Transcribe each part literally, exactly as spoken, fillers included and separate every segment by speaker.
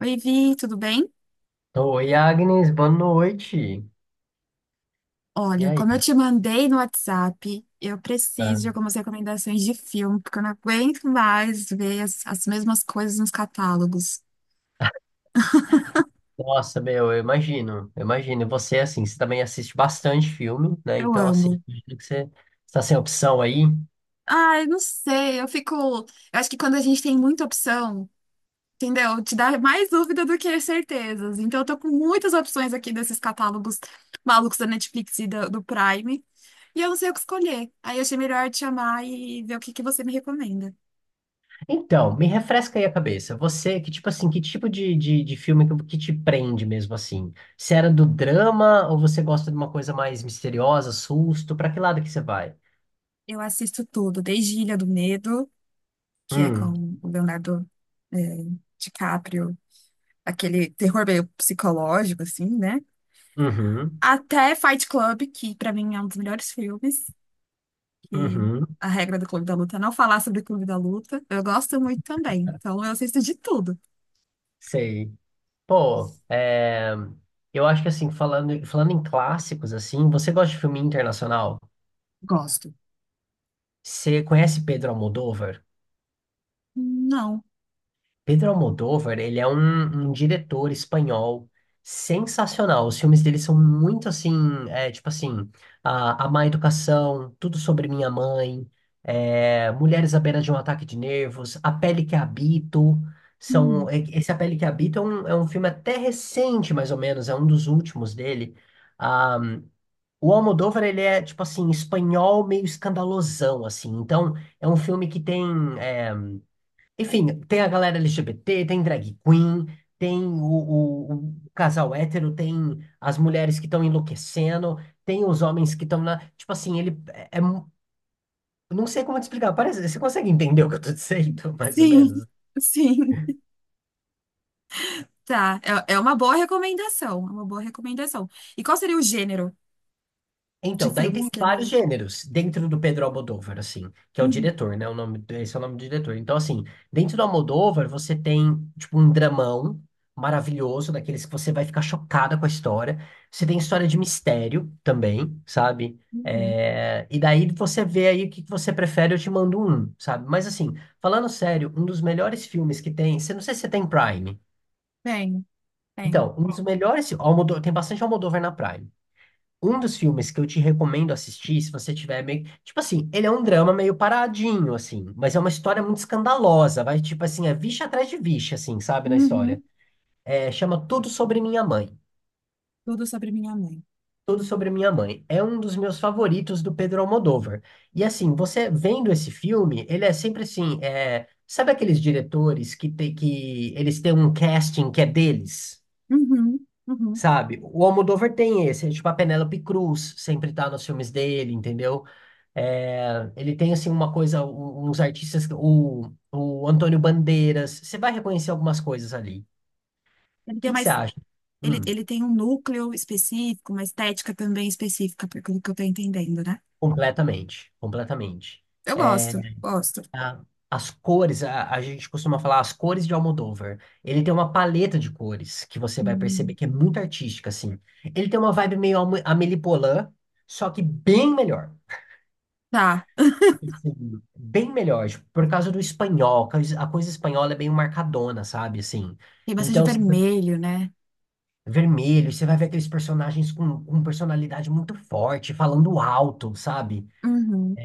Speaker 1: Oi, Vi, tudo bem?
Speaker 2: Oi, Agnes, boa noite. E
Speaker 1: Olha, como eu
Speaker 2: aí?
Speaker 1: te mandei no WhatsApp, eu preciso
Speaker 2: Tá?
Speaker 1: de algumas recomendações de filme, porque eu não aguento mais ver as, as mesmas coisas nos catálogos.
Speaker 2: Nossa, meu, eu imagino, eu imagino. E você, assim, você também assiste bastante filme, né?
Speaker 1: Eu
Speaker 2: Então, assim,
Speaker 1: amo.
Speaker 2: imagino que você está sem opção aí.
Speaker 1: Ai, não sei, eu fico. Eu acho que quando a gente tem muita opção, entendeu? Te dá mais dúvida do que certezas. Então, eu tô com muitas opções aqui desses catálogos malucos da Netflix e do, do Prime, e eu não sei o que escolher. Aí, eu achei melhor te chamar e ver o que que você me recomenda.
Speaker 2: Então, me refresca aí a cabeça. Você, que tipo assim, que tipo de, de, de filme que, que te prende mesmo, assim? Se era do drama ou você gosta de uma coisa mais misteriosa, susto? Pra que lado que você vai?
Speaker 1: Eu assisto tudo, desde Ilha do Medo, que é
Speaker 2: Hum,
Speaker 1: com o Leonardo é, DiCaprio, aquele terror meio psicológico, assim, né?
Speaker 2: uhum,
Speaker 1: Até Fight Club, que pra mim é um dos melhores filmes, que
Speaker 2: uhum,
Speaker 1: a regra do Clube da Luta é não falar sobre o Clube da Luta. Eu gosto muito também, então eu assisto de tudo.
Speaker 2: sei. Pô, é, eu acho que assim, falando, falando em clássicos, assim, você gosta de filme internacional?
Speaker 1: Gosto.
Speaker 2: Você conhece Pedro Almodóvar?
Speaker 1: Não.
Speaker 2: Pedro Almodóvar, ele é um, um diretor espanhol sensacional. Os filmes dele são muito assim, é, tipo assim, a, a Má Educação, Tudo Sobre Minha Mãe, é, Mulheres à Beira de um Ataque de Nervos, A Pele que Habito.
Speaker 1: Hum.
Speaker 2: São, é- esse A Pele que Habito é um, é um filme até recente, mais ou menos, é um dos últimos dele. Ah, O Almodóvar, ele é, tipo assim, espanhol meio escandalosão, assim. Então, é um filme que tem... é, Enfim, tem a galera L G B T, tem drag queen, tem o, o- o casal hétero, tem as mulheres que estão enlouquecendo, tem os homens que estão na... Tipo assim, ele é... é mu- Não sei como te explicar. Parece... Você consegue entender o que eu tô dizendo, mais ou
Speaker 1: Sim,
Speaker 2: menos?
Speaker 1: sim, tá. É, é uma boa recomendação, é uma boa recomendação. E qual seria o gênero de
Speaker 2: Então, daí
Speaker 1: filmes
Speaker 2: tem
Speaker 1: que
Speaker 2: vários
Speaker 1: ele...
Speaker 2: gêneros dentro do Pedro Almodóvar, assim, que é o
Speaker 1: Uhum,
Speaker 2: diretor, né? O nome, do- esse é o nome do diretor. Então, assim, dentro do Almodóvar, você tem, tipo, um dramão maravilhoso, daqueles que você vai ficar chocada com a história. Você tem história de mistério também, sabe?
Speaker 1: uhum.
Speaker 2: É, e daí você vê aí o que que você prefere, eu te mando um, sabe? Mas, assim, falando sério, um dos melhores filmes que tem, você não sei se você tem Prime.
Speaker 1: Bem, bem.
Speaker 2: Então, um dos melhores, Almodó, tem bastante Almodóvar na Prime. Um dos filmes que eu te recomendo assistir, se você tiver meio. Tipo assim, ele é um drama meio paradinho, assim, mas é uma história muito escandalosa. Vai, tipo assim, é vixe atrás de vixe, assim, sabe, na
Speaker 1: Uhum.
Speaker 2: história. É, chama Tudo Sobre Minha Mãe.
Speaker 1: Tudo sobre minha mãe.
Speaker 2: Tudo Sobre Minha Mãe. É um dos meus favoritos do Pedro Almodóvar. E assim, você vendo esse filme, ele é sempre assim. é, Sabe aqueles diretores que, tem, que eles têm um casting que é deles?
Speaker 1: Uhum, uhum.
Speaker 2: Sabe? O Almodóvar tem esse, é tipo a Penélope Cruz sempre tá nos filmes dele, entendeu? É, ele tem, assim, uma coisa, u- uns artistas, o, o Antônio Bandeiras. Você vai reconhecer algumas coisas ali. O
Speaker 1: Ele tem
Speaker 2: que que você
Speaker 1: mais,
Speaker 2: acha?
Speaker 1: ele,
Speaker 2: Hum,
Speaker 1: ele tem um núcleo específico, uma estética também específica, pelo que eu tô entendendo, né?
Speaker 2: completamente, completamente.
Speaker 1: Eu
Speaker 2: É,
Speaker 1: gosto, gosto.
Speaker 2: a- as cores, a, a gente costuma falar as cores de Almodóvar. Ele tem uma paleta de cores que você vai perceber
Speaker 1: Hum,
Speaker 2: que é muito artística, assim. Ele tem uma vibe meio Alme- Amélie Poulain, só que bem melhor.
Speaker 1: tá.
Speaker 2: Sim, bem melhor, tipo, por causa do espanhol, a coisa a coisa espanhola é bem marcadona, sabe, assim.
Speaker 1: Tem bastante
Speaker 2: Então, você vai-
Speaker 1: vermelho, né?
Speaker 2: vermelho, você vai ver aqueles personagens com, com personalidade muito forte, falando alto, sabe?
Speaker 1: Uhum,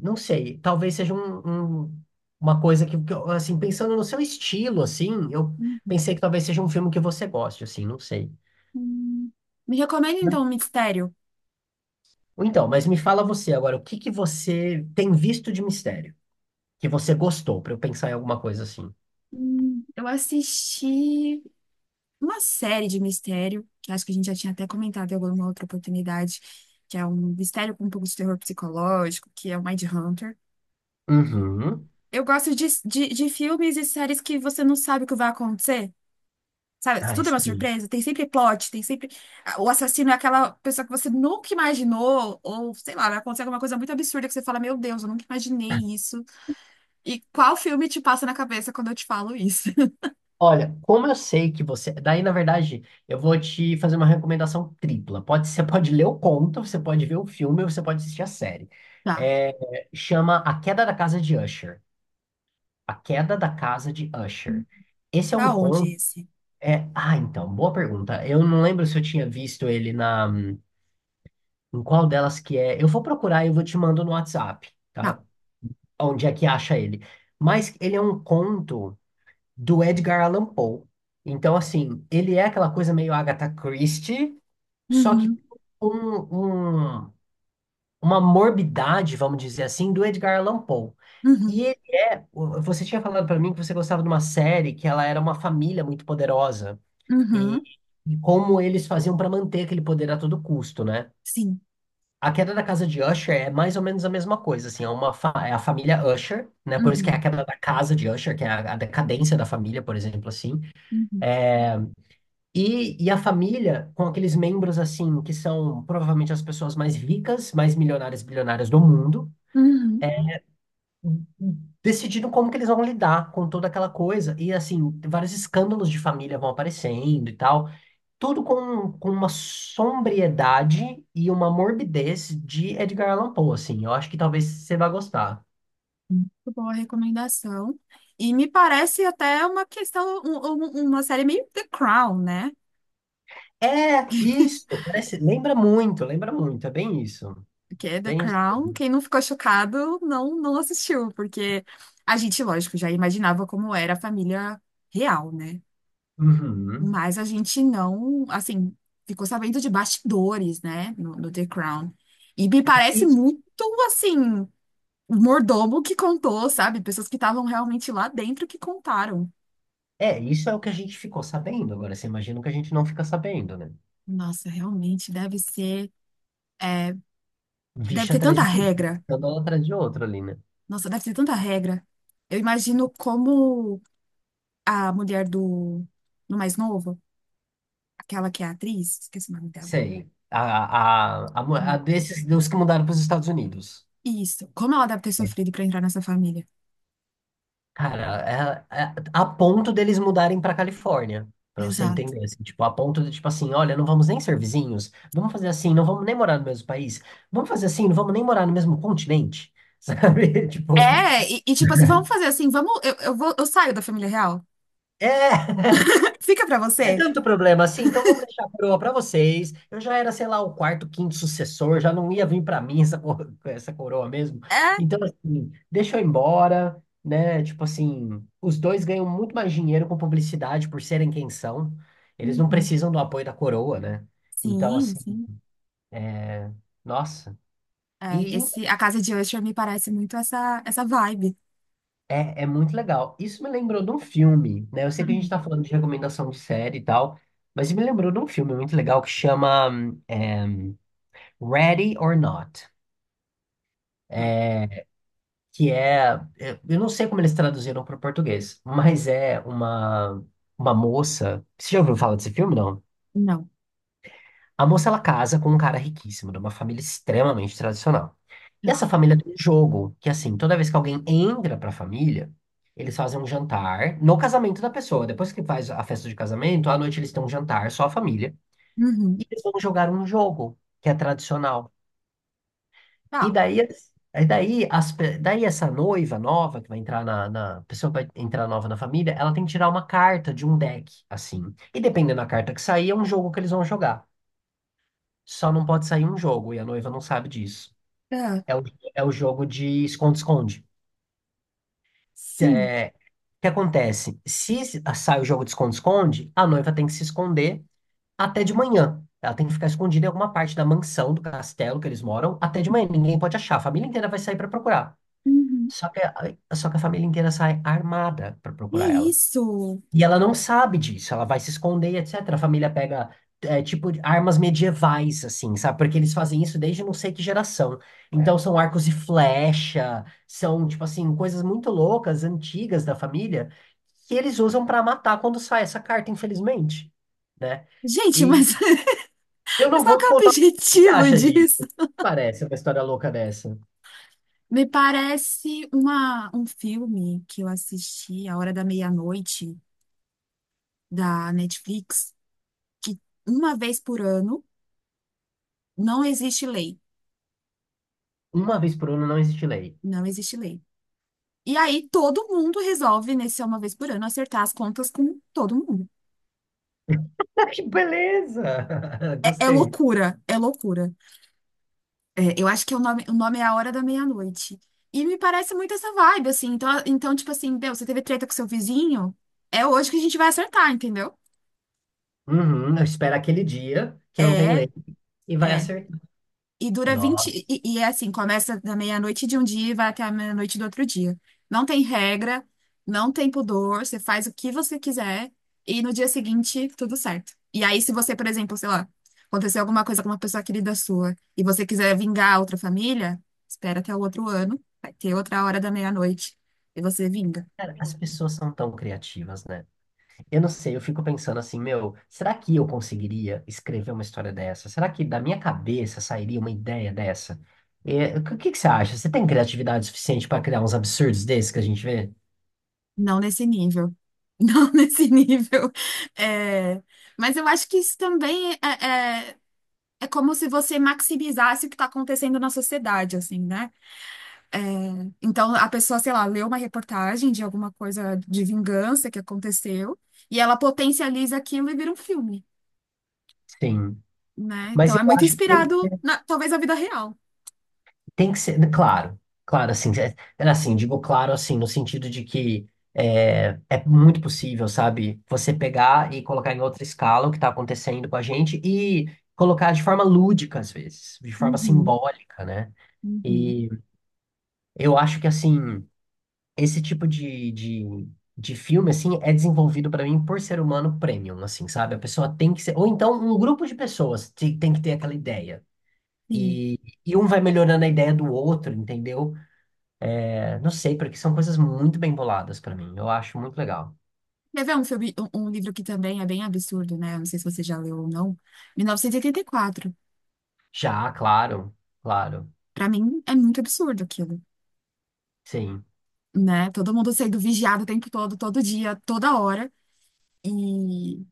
Speaker 2: Não sei, talvez seja um, um- uma coisa que, que eu, assim, pensando no seu estilo, assim, eu
Speaker 1: uhum.
Speaker 2: pensei que talvez seja um filme que você goste, assim, não sei.
Speaker 1: Hum. Me recomenda então um mistério.
Speaker 2: Ou então, mas me fala você agora, o que que você tem visto de mistério? Que você gostou, pra eu pensar em alguma coisa assim.
Speaker 1: Hum, eu assisti uma série de mistério, que acho que a gente já tinha até comentado em alguma outra oportunidade, que é um mistério com um pouco de terror psicológico, que é o Mindhunter.
Speaker 2: Uhum.
Speaker 1: Eu gosto de, de, de filmes e séries que você não sabe o que vai acontecer. Sabe?
Speaker 2: Ah,
Speaker 1: Tudo é uma
Speaker 2: sim.
Speaker 1: surpresa. Tem sempre plot, tem sempre. ah, O assassino é aquela pessoa que você nunca imaginou, ou sei lá, vai acontecer alguma coisa muito absurda que você fala: Meu Deus, eu nunca imaginei isso. E qual filme te passa na cabeça quando eu te falo isso?
Speaker 2: Olha, como eu sei que você. Daí, na verdade, eu vou te fazer uma recomendação tripla. Pode, você pode ler o conto, você pode ver o filme, ou você pode assistir a série.
Speaker 1: Tá.
Speaker 2: É, chama A Queda da Casa de Usher. A Queda da Casa de Usher. Esse é um
Speaker 1: Tá onde
Speaker 2: conto.
Speaker 1: esse?
Speaker 2: É... Ah, então, boa pergunta. Eu não lembro se eu tinha visto ele na. Em qual delas que é. Eu vou procurar e eu vou te mando no WhatsApp,
Speaker 1: Tá.
Speaker 2: tá? Onde é que acha ele. Mas ele é um conto do Edgar Allan Poe. Então, assim, ele é aquela coisa meio Agatha Christie, só que
Speaker 1: Uhum,
Speaker 2: com um, uma morbidade, vamos dizer assim, do Edgar Allan Poe.
Speaker 1: uhum,
Speaker 2: E ele- o- você tinha falado pra mim que você gostava de uma série que ela era uma família muito poderosa e,
Speaker 1: uhum.
Speaker 2: e como eles faziam pra manter aquele poder a todo custo, né?
Speaker 1: Sim.
Speaker 2: A queda da casa de Usher é mais ou menos a mesma coisa, assim, é uma fa- é a família Usher, né? Por isso que é a
Speaker 1: Uhum,
Speaker 2: queda da casa de Usher, que é a a decadência da família, por exemplo, assim.
Speaker 1: uhum,
Speaker 2: E, e a família, com aqueles membros assim, que são provavelmente as pessoas mais ricas, mais milionárias, bilionárias do mundo,
Speaker 1: uhum.
Speaker 2: decidindo como que eles vão lidar com toda aquela coisa. E assim, vários escândalos de família vão aparecendo e tal. Tudo com, com uma sombriedade e uma morbidez de Edgar Allan Poe, assim. Eu acho que talvez você vá gostar.
Speaker 1: Muito boa recomendação. E me parece até uma questão, um- um- uma série meio The Crown, né?
Speaker 2: É, isso, parece, lembra muito, lembra muito, é bem isso.
Speaker 1: Porque é The
Speaker 2: Bem isso
Speaker 1: Crown,
Speaker 2: mesmo.
Speaker 1: quem não ficou chocado não, não assistiu, porque a gente, lógico, já imaginava como era a família real, né?
Speaker 2: Uhum.
Speaker 1: Mas a gente não, assim, ficou sabendo de bastidores, né? No, no The Crown. E me parece
Speaker 2: E,
Speaker 1: muito, assim, um mordomo que contou, sabe? Pessoas que estavam realmente lá dentro que contaram.
Speaker 2: é, isso é o que a gente ficou sabendo. Agora, você imagina o que a gente não fica sabendo, né?
Speaker 1: Nossa, realmente deve ser. É, deve
Speaker 2: Bicho
Speaker 1: ter
Speaker 2: atrás
Speaker 1: tanta
Speaker 2: de bicho,
Speaker 1: regra.
Speaker 2: escândalo atrás de outro ali, né?
Speaker 1: Nossa, deve ter tanta regra. Eu imagino como a mulher do, do mais novo, aquela que é atriz, esqueci o nome dela.
Speaker 2: Sei. A, a, a, mu-
Speaker 1: Ah,
Speaker 2: a desses, dos que mudaram para os Estados Unidos.
Speaker 1: isso. Como ela deve ter
Speaker 2: É,
Speaker 1: sofrido pra entrar nessa família.
Speaker 2: cara, é, é- a ponto deles mudarem para Califórnia, para você
Speaker 1: Exato.
Speaker 2: entender, assim, tipo, a ponto de, tipo assim, olha, não vamos nem ser vizinhos, vamos fazer assim, não vamos nem morar no mesmo país, vamos fazer assim, não vamos nem morar no mesmo continente, sabe? Tipo,
Speaker 1: É, e, e tipo assim, vamos fazer assim, vamos. Eu, eu vou, eu saio da família real.
Speaker 2: é!
Speaker 1: Fica pra
Speaker 2: É
Speaker 1: você.
Speaker 2: tanto problema assim, então vamos deixar a coroa para vocês. Eu já era, sei lá, o quarto, quinto sucessor, já não ia vir para mim essa, cor- essa coroa mesmo.
Speaker 1: É.
Speaker 2: Então, assim, deixa eu ir embora, né? Tipo assim, os dois ganham muito mais dinheiro com publicidade por serem quem são. Eles não
Speaker 1: Uhum.
Speaker 2: precisam do apoio da coroa, né? Então,
Speaker 1: Sim,
Speaker 2: assim,
Speaker 1: sim.
Speaker 2: nossa.
Speaker 1: É,
Speaker 2: E
Speaker 1: esse, a casa de Usher me parece muito essa, essa vibe.
Speaker 2: é, é muito legal. Isso me lembrou de um filme, né? Eu sei que a gente
Speaker 1: Uhum.
Speaker 2: tá falando de recomendação de série e tal, mas me lembrou de um filme muito legal que chama hum, Ready or Not. que é, é- eu não sei como eles traduziram para o português, mas é uma uma moça. Você já ouviu falar desse filme, não?
Speaker 1: Não.
Speaker 2: A moça ela casa com um cara riquíssimo, de uma família extremamente tradicional. E
Speaker 1: Não.
Speaker 2: essa
Speaker 1: Tá.
Speaker 2: família tem um jogo que assim, toda vez que alguém entra para a família, eles fazem um jantar no casamento da pessoa. Depois que faz a festa de casamento, à noite eles têm um jantar, só a família,
Speaker 1: Uhum.
Speaker 2: e eles vão jogar um jogo que é tradicional. E
Speaker 1: Tá.
Speaker 2: daí, as- e daí, as, pe- daí essa noiva nova que vai entrar na, na a pessoa que vai entrar nova na família, ela tem que tirar uma carta de um deck, assim. E dependendo da carta que sair, é um jogo que eles vão jogar. Só não pode sair um jogo e a noiva não sabe disso.
Speaker 1: Tá.
Speaker 2: É o, é o jogo de esconde-esconde. Se-
Speaker 1: Hum.
Speaker 2: é, O que acontece? Se se- sai o jogo de esconde-esconde, a noiva tem que se esconder até de manhã. Ela tem que ficar escondida em alguma parte da mansão, do castelo que eles moram, até de manhã. Ninguém pode achar. A família inteira vai sair para procurar.
Speaker 1: Uhum.
Speaker 2: Só que, a- só que a família inteira sai armada pra
Speaker 1: Que
Speaker 2: procurar ela.
Speaker 1: isso?
Speaker 2: E ela não sabe disso, ela vai se esconder, etcétera. A família pega, é, tipo, armas medievais, assim, sabe? Porque eles fazem isso desde não sei que geração. Então, são arcos e flecha, são, tipo assim, coisas muito loucas, antigas da família, que eles usam pra matar quando sai essa carta, infelizmente, né?
Speaker 1: Gente,
Speaker 2: E
Speaker 1: mas,
Speaker 2: eu
Speaker 1: mas
Speaker 2: não
Speaker 1: qual
Speaker 2: vou
Speaker 1: que
Speaker 2: te
Speaker 1: é o
Speaker 2: contar o que você
Speaker 1: objetivo
Speaker 2: acha disso.
Speaker 1: disso?
Speaker 2: Parece uma história louca dessa.
Speaker 1: Me parece uma, um filme que eu assisti, A Hora da Meia-Noite, da Netflix, que uma vez por ano não existe lei.
Speaker 2: Uma vez por ano não existe lei.
Speaker 1: Não existe lei. E aí todo mundo resolve, nesse uma vez por ano, acertar as contas com todo mundo.
Speaker 2: Ah, que beleza!
Speaker 1: É, é
Speaker 2: Gostei.
Speaker 1: loucura, é loucura. É, eu acho que o nome, o nome é A Hora da Meia-Noite. E me parece muito essa vibe, assim. Então, então, tipo assim, meu, você teve treta com seu vizinho? É hoje que a gente vai acertar, entendeu?
Speaker 2: Uhum, eu espero aquele dia que não tem
Speaker 1: É,
Speaker 2: lei e vai
Speaker 1: é.
Speaker 2: acertar.
Speaker 1: E dura vinte.
Speaker 2: Nossa,
Speaker 1: E, e é assim, começa da meia-noite de um dia e vai até a meia-noite do outro dia. Não tem regra, não tem pudor, você faz o que você quiser e no dia seguinte tudo certo. E aí, se você, por exemplo, sei lá, aconteceu alguma coisa com uma pessoa querida sua e você quiser vingar a outra família, espera até o outro ano, vai ter outra hora da meia-noite e você vinga.
Speaker 2: cara, as pessoas são tão criativas, né? Eu não sei, eu fico pensando assim, meu, será que eu conseguiria escrever uma história dessa? Será que da minha cabeça sairia uma ideia dessa? É, o que, o que que você acha? Você tem criatividade suficiente para criar uns absurdos desses que a gente vê?
Speaker 1: Não nesse nível. Não nesse nível. É, mas eu acho que isso também é, é é como se você maximizasse o que está acontecendo na sociedade, assim, né? É, então, a pessoa, sei lá, lê uma reportagem de alguma coisa de vingança que aconteceu e ela potencializa aquilo e vira um filme,
Speaker 2: Sim.
Speaker 1: né?
Speaker 2: Mas
Speaker 1: Então,
Speaker 2: eu
Speaker 1: é muito
Speaker 2: acho que tem
Speaker 1: inspirado, na, talvez, na vida real.
Speaker 2: Tem que ser, claro, claro, assim, é- é assim, digo claro, assim, no sentido de que é, é muito possível, sabe, você pegar e colocar em outra escala o que está acontecendo com a gente e colocar de forma lúdica, às vezes, de forma
Speaker 1: Uhum,
Speaker 2: simbólica, né?
Speaker 1: uhum.
Speaker 2: E eu acho que, assim, esse tipo de, de, de filme, assim, é desenvolvido para mim por ser humano premium, assim, sabe? A pessoa tem que ser, ou então um grupo de pessoas te- tem que ter aquela ideia.
Speaker 1: Sim.
Speaker 2: E, e um vai melhorando a ideia do outro, entendeu? É, não sei, porque são coisas muito bem boladas pra mim. Eu acho muito legal.
Speaker 1: Quer ver um filme, um, um livro que também é bem absurdo, né? Não sei se você já leu ou não. mil novecentos e oitenta e quatro.
Speaker 2: Já, claro, claro.
Speaker 1: Para mim, é muito absurdo aquilo,
Speaker 2: Sim.
Speaker 1: né? Todo mundo sendo vigiado o tempo todo, todo dia, toda hora. E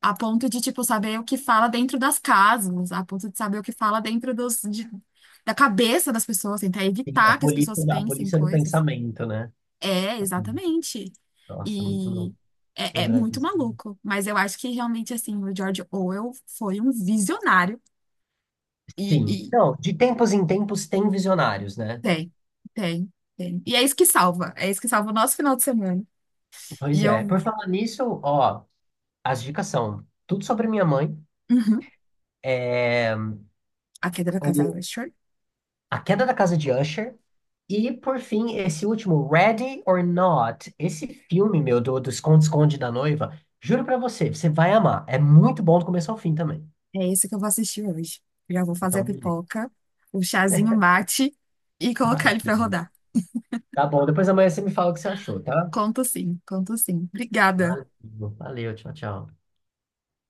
Speaker 1: a ponto de, tipo, saber o que fala dentro das casas, a ponto de saber o que fala dentro dos, de- da cabeça das pessoas, tentar
Speaker 2: Sim, a
Speaker 1: evitar que as
Speaker 2: polícia,
Speaker 1: pessoas
Speaker 2: a
Speaker 1: pensem
Speaker 2: polícia do
Speaker 1: coisas.
Speaker 2: pensamento, né?
Speaker 1: É, exatamente.
Speaker 2: Nossa, muito
Speaker 1: E
Speaker 2: louco
Speaker 1: é, é
Speaker 2: lembrar
Speaker 1: muito
Speaker 2: disso.
Speaker 1: maluco. Mas eu acho que realmente, assim, o George Orwell foi um visionário. E, e
Speaker 2: Sim. Então, de tempos em tempos tem visionários, né?
Speaker 1: tem, tem, tem. E é isso que salva. É isso que salva o nosso final de semana. E
Speaker 2: Pois é.
Speaker 1: eu.
Speaker 2: Por falar nisso, ó, as dicas são Tudo Sobre Minha Mãe.
Speaker 1: Uhum.
Speaker 2: É,
Speaker 1: A Queda da Casa Elefante.
Speaker 2: A Queda da Casa de Usher. E, por fim, esse último, Ready or Not. Esse filme, meu, do, do Esconde-Esconde da Noiva, juro pra você, você vai amar. É muito bom do começo ao fim também.
Speaker 1: É isso que eu vou assistir hoje. Já vou fazer
Speaker 2: Então,
Speaker 1: a
Speaker 2: beleza.
Speaker 1: pipoca, o chazinho mate e colocar
Speaker 2: Ai,
Speaker 1: ele pra rodar.
Speaker 2: tá bom, depois amanhã você me fala o que você achou, tá?
Speaker 1: Conto sim, conto sim. Obrigada.
Speaker 2: Valeu, valeu, tchau, tchau.